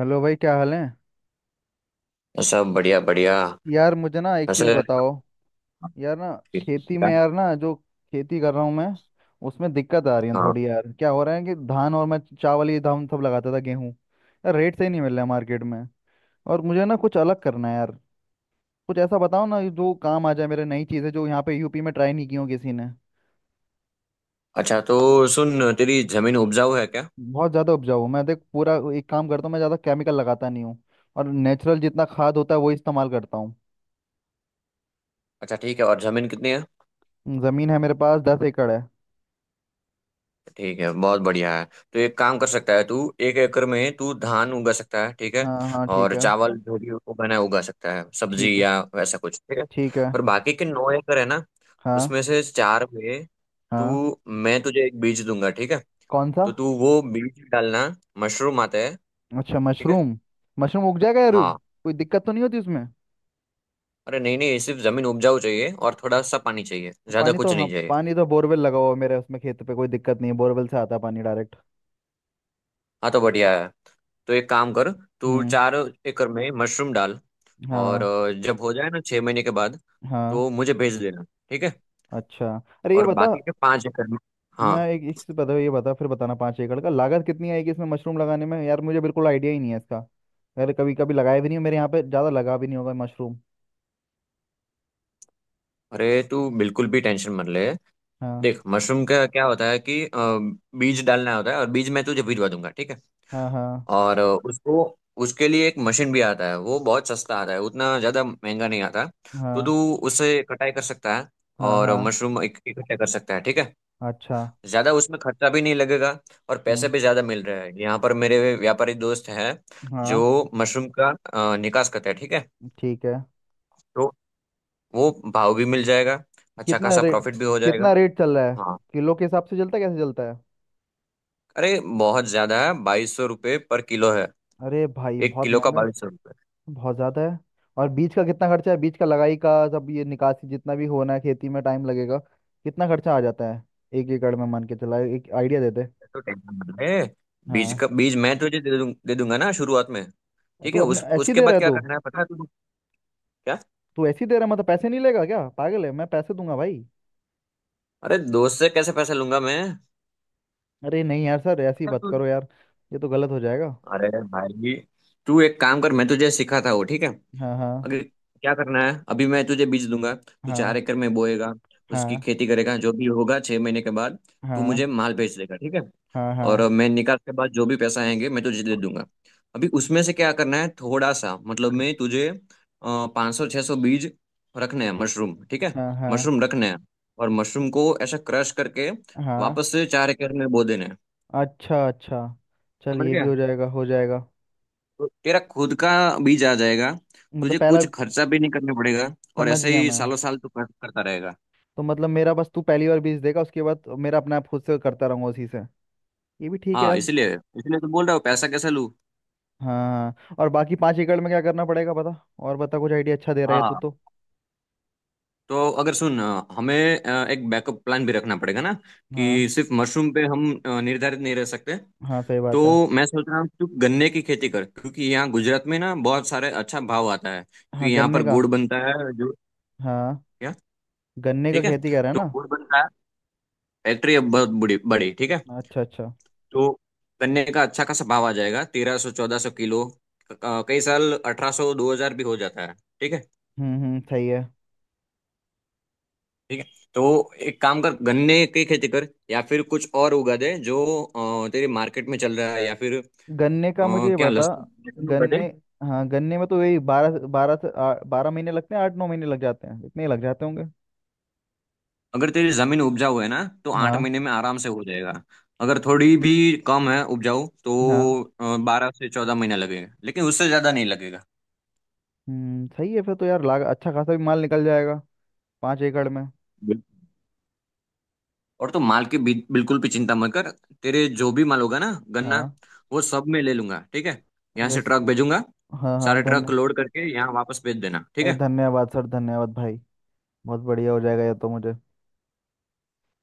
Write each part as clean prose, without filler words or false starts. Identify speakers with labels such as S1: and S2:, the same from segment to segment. S1: Hello भाई, क्या हाल है।
S2: सब बढ़िया बढ़िया।
S1: यार, मुझे ना एक चीज़
S2: वैसे।
S1: बताओ। यार ना। खेती में यार ना, जो खेती कर रहा हूँ मैं, उसमें दिक्कत आ रही है
S2: हाँ।
S1: थोड़ी। यार क्या हो रहा है कि धान, और मैं चावल ये धान सब लगाता था, गेहूँ। यार रेट सही नहीं मिल रहा है मार्केट में। और मुझे ना कुछ अलग करना है यार। कुछ ऐसा बताओ ना जो काम आ जाए मेरे, नई चीज़ें जो यहाँ पे यूपी में ट्राई नहीं की हो किसी ने।
S2: अच्छा, तो सुन, तेरी जमीन उपजाऊ है क्या?
S1: बहुत ज़्यादा उपजाऊ हूँ मैं, देख। पूरा एक काम करता हूँ, मैं ज़्यादा केमिकल लगाता नहीं हूँ। और नेचुरल जितना खाद होता है वो इस्तेमाल करता हूँ।
S2: अच्छा ठीक है, और जमीन कितनी है?
S1: ज़मीन है मेरे पास, 10 एकड़ है।
S2: ठीक है, बहुत बढ़िया है। तो एक काम कर सकता है तू, 1 एकड़ में तू धान उगा सकता है, ठीक है।
S1: हाँ हाँ, ठीक
S2: और
S1: है।
S2: चावल जो भी उगाना है उगा सकता है, सब्जी
S1: ठीक है।
S2: या वैसा कुछ, ठीक है।
S1: ठीक है।
S2: और बाकी के 9 एकड़ है ना,
S1: हाँ
S2: उसमें से चार में,
S1: हाँ।
S2: तू मैं तुझे एक बीज दूंगा, ठीक है।
S1: कौन सा।
S2: तो तू वो बीज डालना, मशरूम आता है,
S1: अच्छा,
S2: ठीक है।
S1: मशरूम। मशरूम उग जाएगा यारू।
S2: हाँ।
S1: कोई दिक्कत तो नहीं होती उसमें।
S2: अरे नहीं नहीं, सिर्फ जमीन उपजाऊ चाहिए और थोड़ा सा पानी चाहिए, ज्यादा
S1: पानी तो,
S2: कुछ
S1: हाँ,
S2: नहीं चाहिए।
S1: पानी तो बोरवेल लगा हुआ है मेरे उसमें खेत पे, कोई दिक्कत नहीं है। बोरवेल से आता है पानी डायरेक्ट।
S2: हाँ तो बढ़िया है। तो एक काम कर, तू
S1: हम्म।
S2: 4 एकड़ में मशरूम डाल। और
S1: हाँ।
S2: जब हो जाए ना 6 महीने के बाद,
S1: हाँ।
S2: तो मुझे भेज देना, ठीक है।
S1: अच्छा। अरे ये
S2: और
S1: बता।
S2: बाकी के 5 एकड़ में। हाँ।
S1: मैं एक एक चीज़ बता, ये बता फिर बताना। 5 एकड़ का लागत कितनी आएगी इसमें मशरूम लगाने में? यार मुझे बिल्कुल आइडिया ही नहीं है इसका। यार कभी कभी लगाया भी नहीं हूं, मेरे यहाँ पे ज़्यादा लगा भी नहीं होगा मशरूम।
S2: अरे तू बिल्कुल भी टेंशन मत ले।
S1: हाँ
S2: देख मशरूम का क्या होता है कि बीज डालना होता है, और बीज मैं तुझे भिजवा दूंगा, ठीक है।
S1: हाँ। हाँ।
S2: और उसको, उसके लिए एक मशीन भी आता है, वो बहुत सस्ता आता है, उतना ज़्यादा महंगा नहीं आता। तो तू
S1: हाँ
S2: उससे कटाई कर सकता है
S1: हाँ हाँ।
S2: और
S1: हाँ,
S2: मशरूम इकट्ठा कर सकता है, ठीक है।
S1: अच्छा।
S2: ज़्यादा उसमें खर्चा भी नहीं लगेगा, और पैसे
S1: हम्म।
S2: भी ज़्यादा मिल रहे हैं, यहाँ पर मेरे व्यापारी दोस्त हैं जो
S1: हाँ।
S2: मशरूम का निकास करते हैं, ठीक है।
S1: ठीक है।
S2: तो वो भाव भी मिल जाएगा, अच्छा
S1: कितना
S2: खासा
S1: रेट?
S2: प्रॉफिट भी हो जाएगा।
S1: कितना रेट चल रहा है?
S2: हाँ।
S1: किलो के हिसाब से चलता है, कैसे चलता है?
S2: अरे बहुत ज़्यादा है, ₹2200 पर किलो है।
S1: अरे भाई
S2: एक
S1: बहुत
S2: किलो का
S1: महंगा है।
S2: 2200।
S1: बहुत ज़्यादा है। और बीज का कितना खर्चा है, बीज का लगाई का सब, ये निकासी जितना भी होना है, खेती में टाइम लगेगा। कितना खर्चा आ जाता है? एक एकड़ में मान के चला, एक आइडिया दे दे।
S2: तो टेंशन मत ले, बीज
S1: हाँ।
S2: का बीज मैं तुझे दे दूंगा ना शुरुआत में, ठीक
S1: तू
S2: है।
S1: अपने
S2: उस
S1: ऐसी
S2: उसके
S1: दे
S2: बाद
S1: रहा है
S2: क्या
S1: तू?
S2: करना है पता है तुझे? क्या?
S1: तू ऐसी दे रहा है मतलब पैसे नहीं लेगा क्या? पागल है, मैं पैसे दूंगा भाई।
S2: अरे दोस्त से कैसे पैसे लूंगा मैं?
S1: अरे नहीं यार, सर ऐसी
S2: अरे
S1: बात
S2: तू-
S1: करो यार। ये तो गलत हो जाएगा।
S2: अरे भाई, तू एक काम कर, मैं तुझे सिखाता हूँ, ठीक है।
S1: हाँ हाँ।
S2: अगर क्या करना है, अभी मैं तुझे बीज दूंगा, तू चार
S1: हाँ।
S2: एकड़ में बोएगा, उसकी
S1: हाँ।
S2: खेती करेगा, जो भी होगा 6 महीने के बाद, तू
S1: हाँ
S2: मुझे माल भेज देगा, ठीक है।
S1: हाँ हाँ।
S2: और
S1: हाँ
S2: मैं निकाल के बाद जो भी पैसा आएंगे मैं तुझे दे दूंगा। अभी उसमें से क्या करना है, थोड़ा सा मतलब, मैं तुझे 500-600 बीज रखने हैं मशरूम, ठीक है।
S1: हाँ हाँ,
S2: मशरूम रखने हैं, और मशरूम को ऐसा क्रश करके
S1: हाँ,
S2: वापस से 4 एकड़ में बो देने हैं।
S1: अच्छा अच्छा। चल,
S2: समझ
S1: ये भी
S2: गया।
S1: हो जाएगा, हो जाएगा।
S2: तो तेरा खुद का बीज आ जाएगा,
S1: मतलब
S2: तुझे
S1: पहला।
S2: कुछ खर्चा भी नहीं करना पड़ेगा। और
S1: समझ
S2: ऐसे
S1: गया
S2: ही
S1: मैं।
S2: सालों साल तू करता रहेगा।
S1: तो मतलब मेरा, बस तू पहली बार बीज देगा, उसके बाद मेरा अपने आप, खुद से करता रहूंगा उसी से। ये भी ठीक है
S2: हाँ,
S1: यार।
S2: इसीलिए इसीलिए तो बोल रहा हूँ, पैसा कैसे लूँ।
S1: हाँ, और बाकी 5 एकड़ में क्या करना पड़ेगा बता। और बता कुछ, आइडिया अच्छा दे रहा है तू
S2: हाँ।
S1: तो।
S2: तो अगर सुन, हमें एक बैकअप प्लान भी रखना पड़ेगा ना,
S1: हाँ।
S2: कि सिर्फ मशरूम पे हम निर्धारित नहीं रह सकते।
S1: हाँ सही
S2: तो
S1: बात है।
S2: मैं सोच रहा हूँ तू गन्ने की खेती कर, क्योंकि यहाँ गुजरात में ना बहुत सारे अच्छा भाव आता है,
S1: हाँ
S2: क्योंकि यहाँ
S1: गन्ने
S2: पर
S1: का।
S2: गुड़ बनता है। जो
S1: हाँ,
S2: क्या?
S1: गन्ने का
S2: ठीक है।
S1: खेती कर रहा है
S2: तो
S1: ना?
S2: गुड़ बनता है, फैक्ट्री अब बहुत बड़ी बड़ी, ठीक है।
S1: अच्छा अच्छा।
S2: तो गन्ने का अच्छा खासा भाव आ जाएगा, 1300-1400 किलो। कई साल 1800-2000 भी हो जाता है, ठीक है।
S1: हम्म, सही है।
S2: ठीक है। तो एक काम कर, गन्ने की खेती कर, या फिर कुछ और उगा दे जो तेरे मार्केट में चल रहा है, या फिर
S1: गन्ने का मुझे ये
S2: क्या,
S1: बता।
S2: लहसुन, लहसुन उगा दे।
S1: गन्ने। हाँ गन्ने में तो यही बारह बारह से- आ- 12 महीने लगते हैं, 8-9 महीने लग जाते हैं, इतने ही लग जाते होंगे।
S2: अगर तेरी जमीन उपजाऊ है ना तो आठ
S1: हाँ
S2: महीने में आराम से हो जाएगा। अगर थोड़ी भी कम है उपजाऊ, तो
S1: हाँ।
S2: 12 से 14 महीना लगेगा, लेकिन उससे ज्यादा नहीं लगेगा।
S1: हम्म, सही है। फिर तो यार लाग अच्छा खासा भी माल निकल जाएगा। 5 एकड़ में।
S2: बिल्कुल। और तो माल की बिल्कुल भी चिंता मत कर। तेरे जो भी माल होगा ना, गन्ना,
S1: हाँ।
S2: वो सब मैं ले लूंगा, ठीक है। यहाँ
S1: अरे
S2: से ट्रक भेजूंगा,
S1: हाँ हाँ
S2: सारे ट्रक
S1: धन्य
S2: लोड करके यहाँ वापस भेज देना, ठीक
S1: अरे,
S2: है।
S1: धन्यवाद सर, धन्यवाद भाई। बहुत बढ़िया हो जाएगा ये तो मुझे।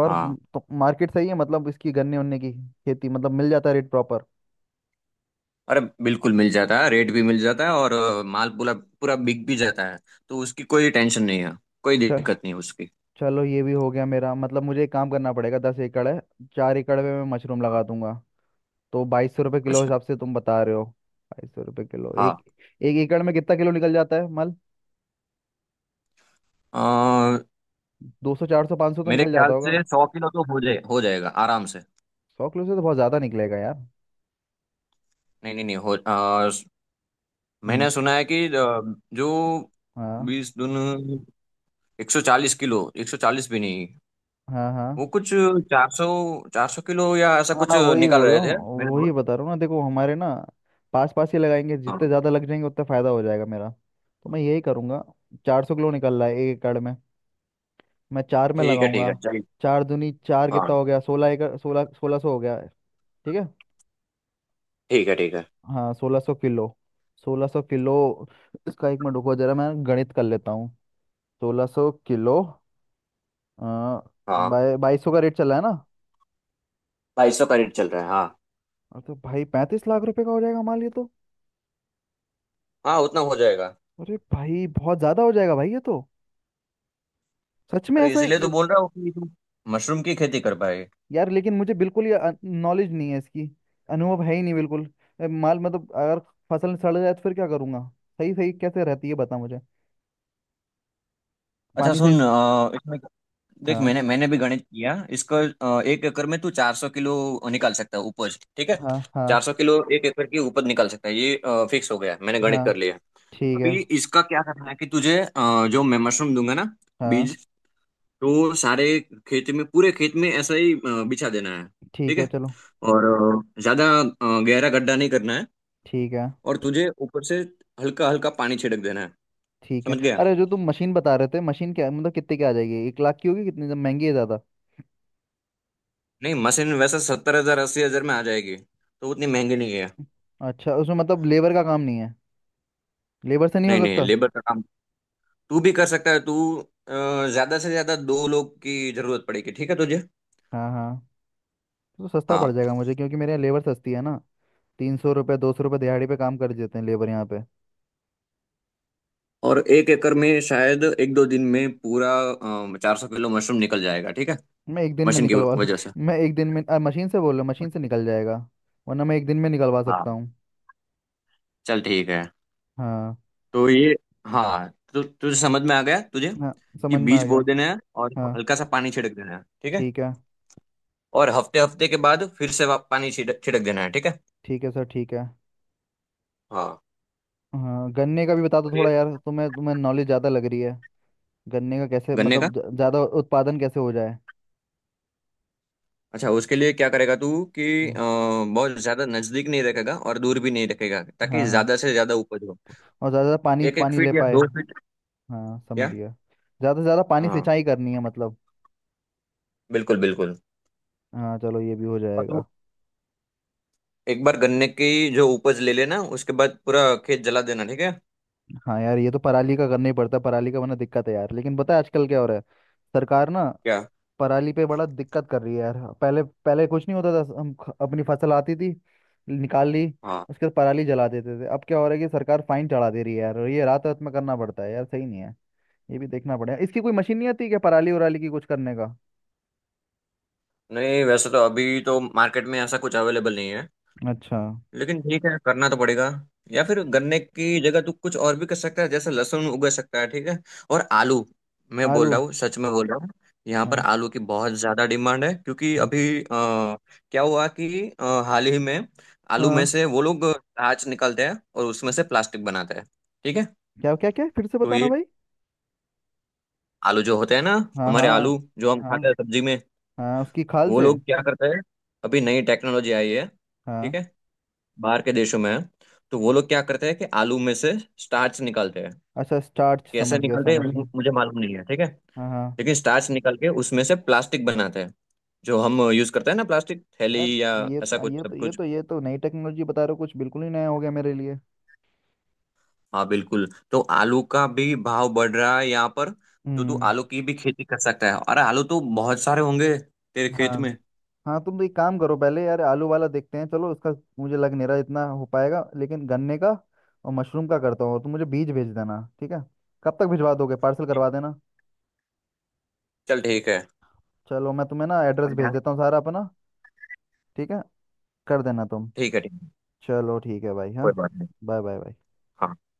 S1: और
S2: हाँ।
S1: तो मार्केट सही है, मतलब इसकी गन्ने उन्ने की खेती मतलब मिल जाता है रेट प्रॉपर।
S2: अरे बिल्कुल मिल जाता है, रेट भी मिल जाता है, और माल पूरा पूरा बिक भी जाता है, तो उसकी कोई टेंशन नहीं है, कोई
S1: चल।
S2: दिक्कत नहीं है उसकी।
S1: चलो ये भी हो गया। मेरा मतलब, मुझे एक काम करना पड़ेगा। 10 एकड़ है। 4 एकड़ में मैं मशरूम लगा दूंगा। तो 2200 रुपये किलो
S2: अच्छा।
S1: हिसाब से तुम बता रहे हो। 2200 रुपये किलो,
S2: हाँ।
S1: एक। 1 एकड़ में कितना किलो निकल जाता है माल?
S2: अ,
S1: 200, 400, 500 तो
S2: मेरे
S1: निकल जाता
S2: ख्याल
S1: होगा।
S2: से 100 किलो तो हो जाए, हो जाएगा आराम से।
S1: 100 किलो से तो बहुत ज़्यादा निकलेगा यार।
S2: नहीं नहीं नहीं हो,
S1: हम्म,
S2: मैंने सुना है कि जो
S1: हाँ
S2: बीस दून 140 किलो, 140 भी नहीं,
S1: हाँ। हाँ
S2: वो कुछ चार सौ, 400 किलो या ऐसा कुछ
S1: हाँ वही
S2: निकाल
S1: बोल रहा
S2: रहे थे
S1: हूँ।
S2: मेरे
S1: वही
S2: दोस्त।
S1: बता रहा हूँ ना, देखो हमारे ना पास पास ही लगाएंगे, जितने
S2: हाँ
S1: ज़्यादा लग जाएंगे उतना फ़ायदा हो जाएगा मेरा। तो मैं यही करूँगा। 400 किलो निकल रहा है 1 एकड़ में, मैं चार में
S2: ठीक है, ठीक
S1: लगाऊंगा।
S2: है, चलिए।
S1: चार दूनी चार
S2: हाँ,
S1: कितना हो गया, सोलह एकड़, सोलह, 1600 हो गया। ठीक है।
S2: ठीक है ठीक है।
S1: हाँ, 1600 किलो। 1600 किलो। इसका 1 मिनट रुको, जरा मैं गणित कर लेता हूँ। 1600 किलो। आ,
S2: हाँ,
S1: 2200 का रेट चला है ना।
S2: 2200 का रेट चल रहा है, हाँ।
S1: और तो भाई 35 लाख रुपए का हो जाएगा हमारे लिए तो।
S2: हाँ उतना हो जाएगा।
S1: अरे भाई बहुत ज्यादा हो जाएगा भाई, ये तो। सच में
S2: अरे
S1: ऐसा
S2: इसलिए तो
S1: ही-।
S2: बोल रहा हूँ कि तुम मशरूम की खेती कर पाए।
S1: यार लेकिन मुझे बिल्कुल ही नॉलेज नहीं है इसकी। अनुभव है ही नहीं बिल्कुल। माल मतलब अगर फसल सड़ जाए तो फिर क्या करूंगा? सही सही कैसे रहती है बता मुझे।
S2: अच्छा
S1: पानी सही।
S2: सुन, इसमें देख,
S1: हाँ
S2: मैंने मैंने भी गणित किया इसको। 1 एकड़ में तू 400 किलो निकाल सकता है उपज, ठीक है।
S1: हाँ हाँ
S2: 400 किलो 1 एकड़ की उपज निकाल सकता है, ये फिक्स हो गया, मैंने गणित
S1: हाँ।
S2: कर लिया।
S1: ठीक है।
S2: अभी इसका क्या करना है कि तुझे जो मैं मशरूम दूंगा ना,
S1: हाँ।
S2: बीज, तो सारे खेत में, पूरे खेत में ऐसा ही बिछा देना है, ठीक
S1: ठीक है
S2: है।
S1: चलो।
S2: और ज्यादा गहरा गड्ढा नहीं करना है।
S1: ठीक है
S2: और तुझे ऊपर से हल्का हल्का पानी छिड़क देना है।
S1: ठीक है।
S2: समझ गया।
S1: अरे जो तुम मशीन बता रहे थे, मशीन क्या मतलब कितने की आ जाएगी, 1 लाख की होगी, कितनी महंगी है, ज्यादा?
S2: नहीं, मशीन वैसे 70000-80000 में आ जाएगी, तो उतनी महंगी नहीं है।
S1: अच्छा, उसमें मतलब लेबर का काम नहीं है? लेबर से नहीं हो
S2: नहीं नहीं,
S1: सकता?
S2: लेबर का काम तू भी कर सकता है। तू ज्यादा से ज्यादा 2 लोग की जरूरत पड़ेगी, ठीक है तुझे।
S1: हाँ हाँ। तो सस्ता पड़
S2: हाँ।
S1: जाएगा मुझे, क्योंकि मेरे यहाँ लेबर सस्ती है ना। 300 रुपये, 200 रुपये दिहाड़ी पे काम कर देते हैं लेबर यहाँ पे।
S2: और 1 एकड़ में शायद 1-2 दिन में पूरा 400 किलो मशरूम निकल जाएगा, ठीक है।
S1: मैं एक दिन में
S2: मशीन की
S1: निकलवा लूँ।
S2: वजह से।
S1: मैं एक दिन में, मशीन से बोल रहा हूँ, मशीन से निकल जाएगा। वरना मैं एक दिन में निकलवा
S2: हाँ,
S1: सकता हूँ।
S2: चल ठीक है।
S1: हाँ।
S2: तो ये, हाँ, तो तुझे समझ में आ गया? तुझे
S1: हाँ,
S2: कि
S1: समझ में
S2: बीज
S1: आ
S2: बो
S1: गया।
S2: देना है और
S1: हाँ।
S2: हल्का सा पानी छिड़क देना है, ठीक है।
S1: ठीक है।
S2: और हफ्ते हफ्ते के बाद फिर से पानी छिड़क छिड़क देना है, ठीक है।
S1: ठीक है सर, ठीक है।
S2: हाँ।
S1: हाँ गन्ने का भी बता दो थोड़ा यार, तुम्हें तुम्हें नॉलेज ज़्यादा लग रही है। गन्ने का कैसे
S2: गन्ने का,
S1: मतलब ज़्यादा उत्पादन कैसे हो जाए?
S2: अच्छा उसके लिए क्या करेगा तू, कि
S1: हम्म।
S2: बहुत ज्यादा नजदीक नहीं रखेगा और दूर भी नहीं रखेगा, ताकि
S1: हाँ हाँ।
S2: ज्यादा से ज्यादा उपज हो।
S1: और ज़्यादा पानी
S2: एक एक
S1: पानी ले
S2: फीट या
S1: पाए।
S2: दो फीट
S1: हाँ समझ
S2: क्या?
S1: गया। ज़्यादा से ज़्यादा पानी
S2: हाँ
S1: सिंचाई करनी है मतलब।
S2: बिल्कुल बिल्कुल।
S1: हाँ, चलो ये भी हो
S2: और तू
S1: जाएगा।
S2: एक बार गन्ने की जो उपज ले लेना, उसके बाद पूरा खेत जला देना, ठीक है।
S1: हाँ यार, ये तो पराली का करना ही पड़ता है, पराली का वरना दिक्कत है यार। लेकिन पता है आजकल क्या हो रहा है। सरकार ना
S2: क्या?
S1: पराली पे बड़ा दिक्कत कर रही है यार। पहले पहले कुछ नहीं होता था, हम अपनी फसल आती थी, निकाल ली।
S2: हाँ।
S1: उसके बाद पराली जला देते थे। अब क्या हो रहा है कि सरकार फाइन चढ़ा दे रही है यार, और ये रात रात में करना पड़ता है यार, सही नहीं है। ये भी देखना पड़ेगा, इसकी कोई मशीन नहीं आती क्या पराली उराली की कुछ करने का?
S2: नहीं, वैसे तो अभी तो मार्केट में ऐसा कुछ अवेलेबल नहीं है,
S1: अच्छा।
S2: लेकिन ठीक है, करना तो पड़ेगा। या फिर गन्ने की जगह तू कुछ और भी कर सकता है, जैसे लहसुन उगा सकता है, ठीक है। और आलू। मैं बोल
S1: आलू?
S2: रहा हूँ सच में बोल रहा हूँ, यहाँ पर
S1: हाँ
S2: आलू की बहुत ज्यादा डिमांड है, क्योंकि
S1: हाँ
S2: अभी क्या हुआ कि हाल ही में आलू में
S1: हाँ।
S2: से वो लोग अनाज निकालते हैं और उसमें से प्लास्टिक बनाते हैं, ठीक है।
S1: क्या क्या क्या, फिर से
S2: तो
S1: बताना
S2: ये
S1: भाई।
S2: आलू जो होते हैं ना,
S1: हाँ
S2: हमारे आलू
S1: हाँ।
S2: जो हम
S1: हाँ
S2: खाते हैं सब्जी में,
S1: हाँ, उसकी खाल
S2: वो
S1: से।
S2: लोग क्या करते हैं, अभी नई टेक्नोलॉजी आई है, ठीक
S1: हाँ।
S2: है, बाहर के देशों में है। तो वो लोग क्या करते हैं कि आलू में से स्टार्च निकालते हैं।
S1: अच्छा स्टार्च,
S2: कैसे
S1: समझ गया
S2: निकालते हैं
S1: समझ गया।
S2: मुझे मालूम नहीं है, ठीक है।
S1: हाँ हाँ।
S2: लेकिन स्टार्च निकाल के उसमें से प्लास्टिक बनाते हैं, जो हम यूज करते हैं ना, प्लास्टिक थैली
S1: यार
S2: या
S1: ये
S2: ऐसा
S1: तो ये
S2: कुछ,
S1: तो
S2: सब
S1: ये
S2: कुछ।
S1: तो ये तो नई टेक्नोलॉजी बता रहे हो कुछ, बिल्कुल ही नया हो गया मेरे लिए।
S2: हाँ बिल्कुल, तो आलू का भी भाव बढ़ रहा है यहाँ पर, तो तू
S1: हम्म।
S2: आलू की भी खेती कर सकता है। अरे आलू तो बहुत सारे होंगे तेरे
S1: हाँ।
S2: खेत में।
S1: हाँ तुम तो एक काम करो पहले यार, आलू वाला देखते हैं चलो उसका। मुझे लग नहीं रहा इतना हो पाएगा, लेकिन गन्ने का और मशरूम का करता हूँ। तुम मुझे बीज भेज देना, ठीक है। कब तक भिजवा दोगे, पार्सल करवा देना।
S2: चल ठीक है।
S1: चलो मैं तुम्हें ना एड्रेस
S2: और
S1: भेज देता हूँ सारा अपना। ठीक है। कर देना तुम।
S2: ठीक है ठीक है,
S1: चलो ठीक है भाई, हाँ।
S2: कोई बात नहीं।
S1: Bye bye bye.
S2: हाँ।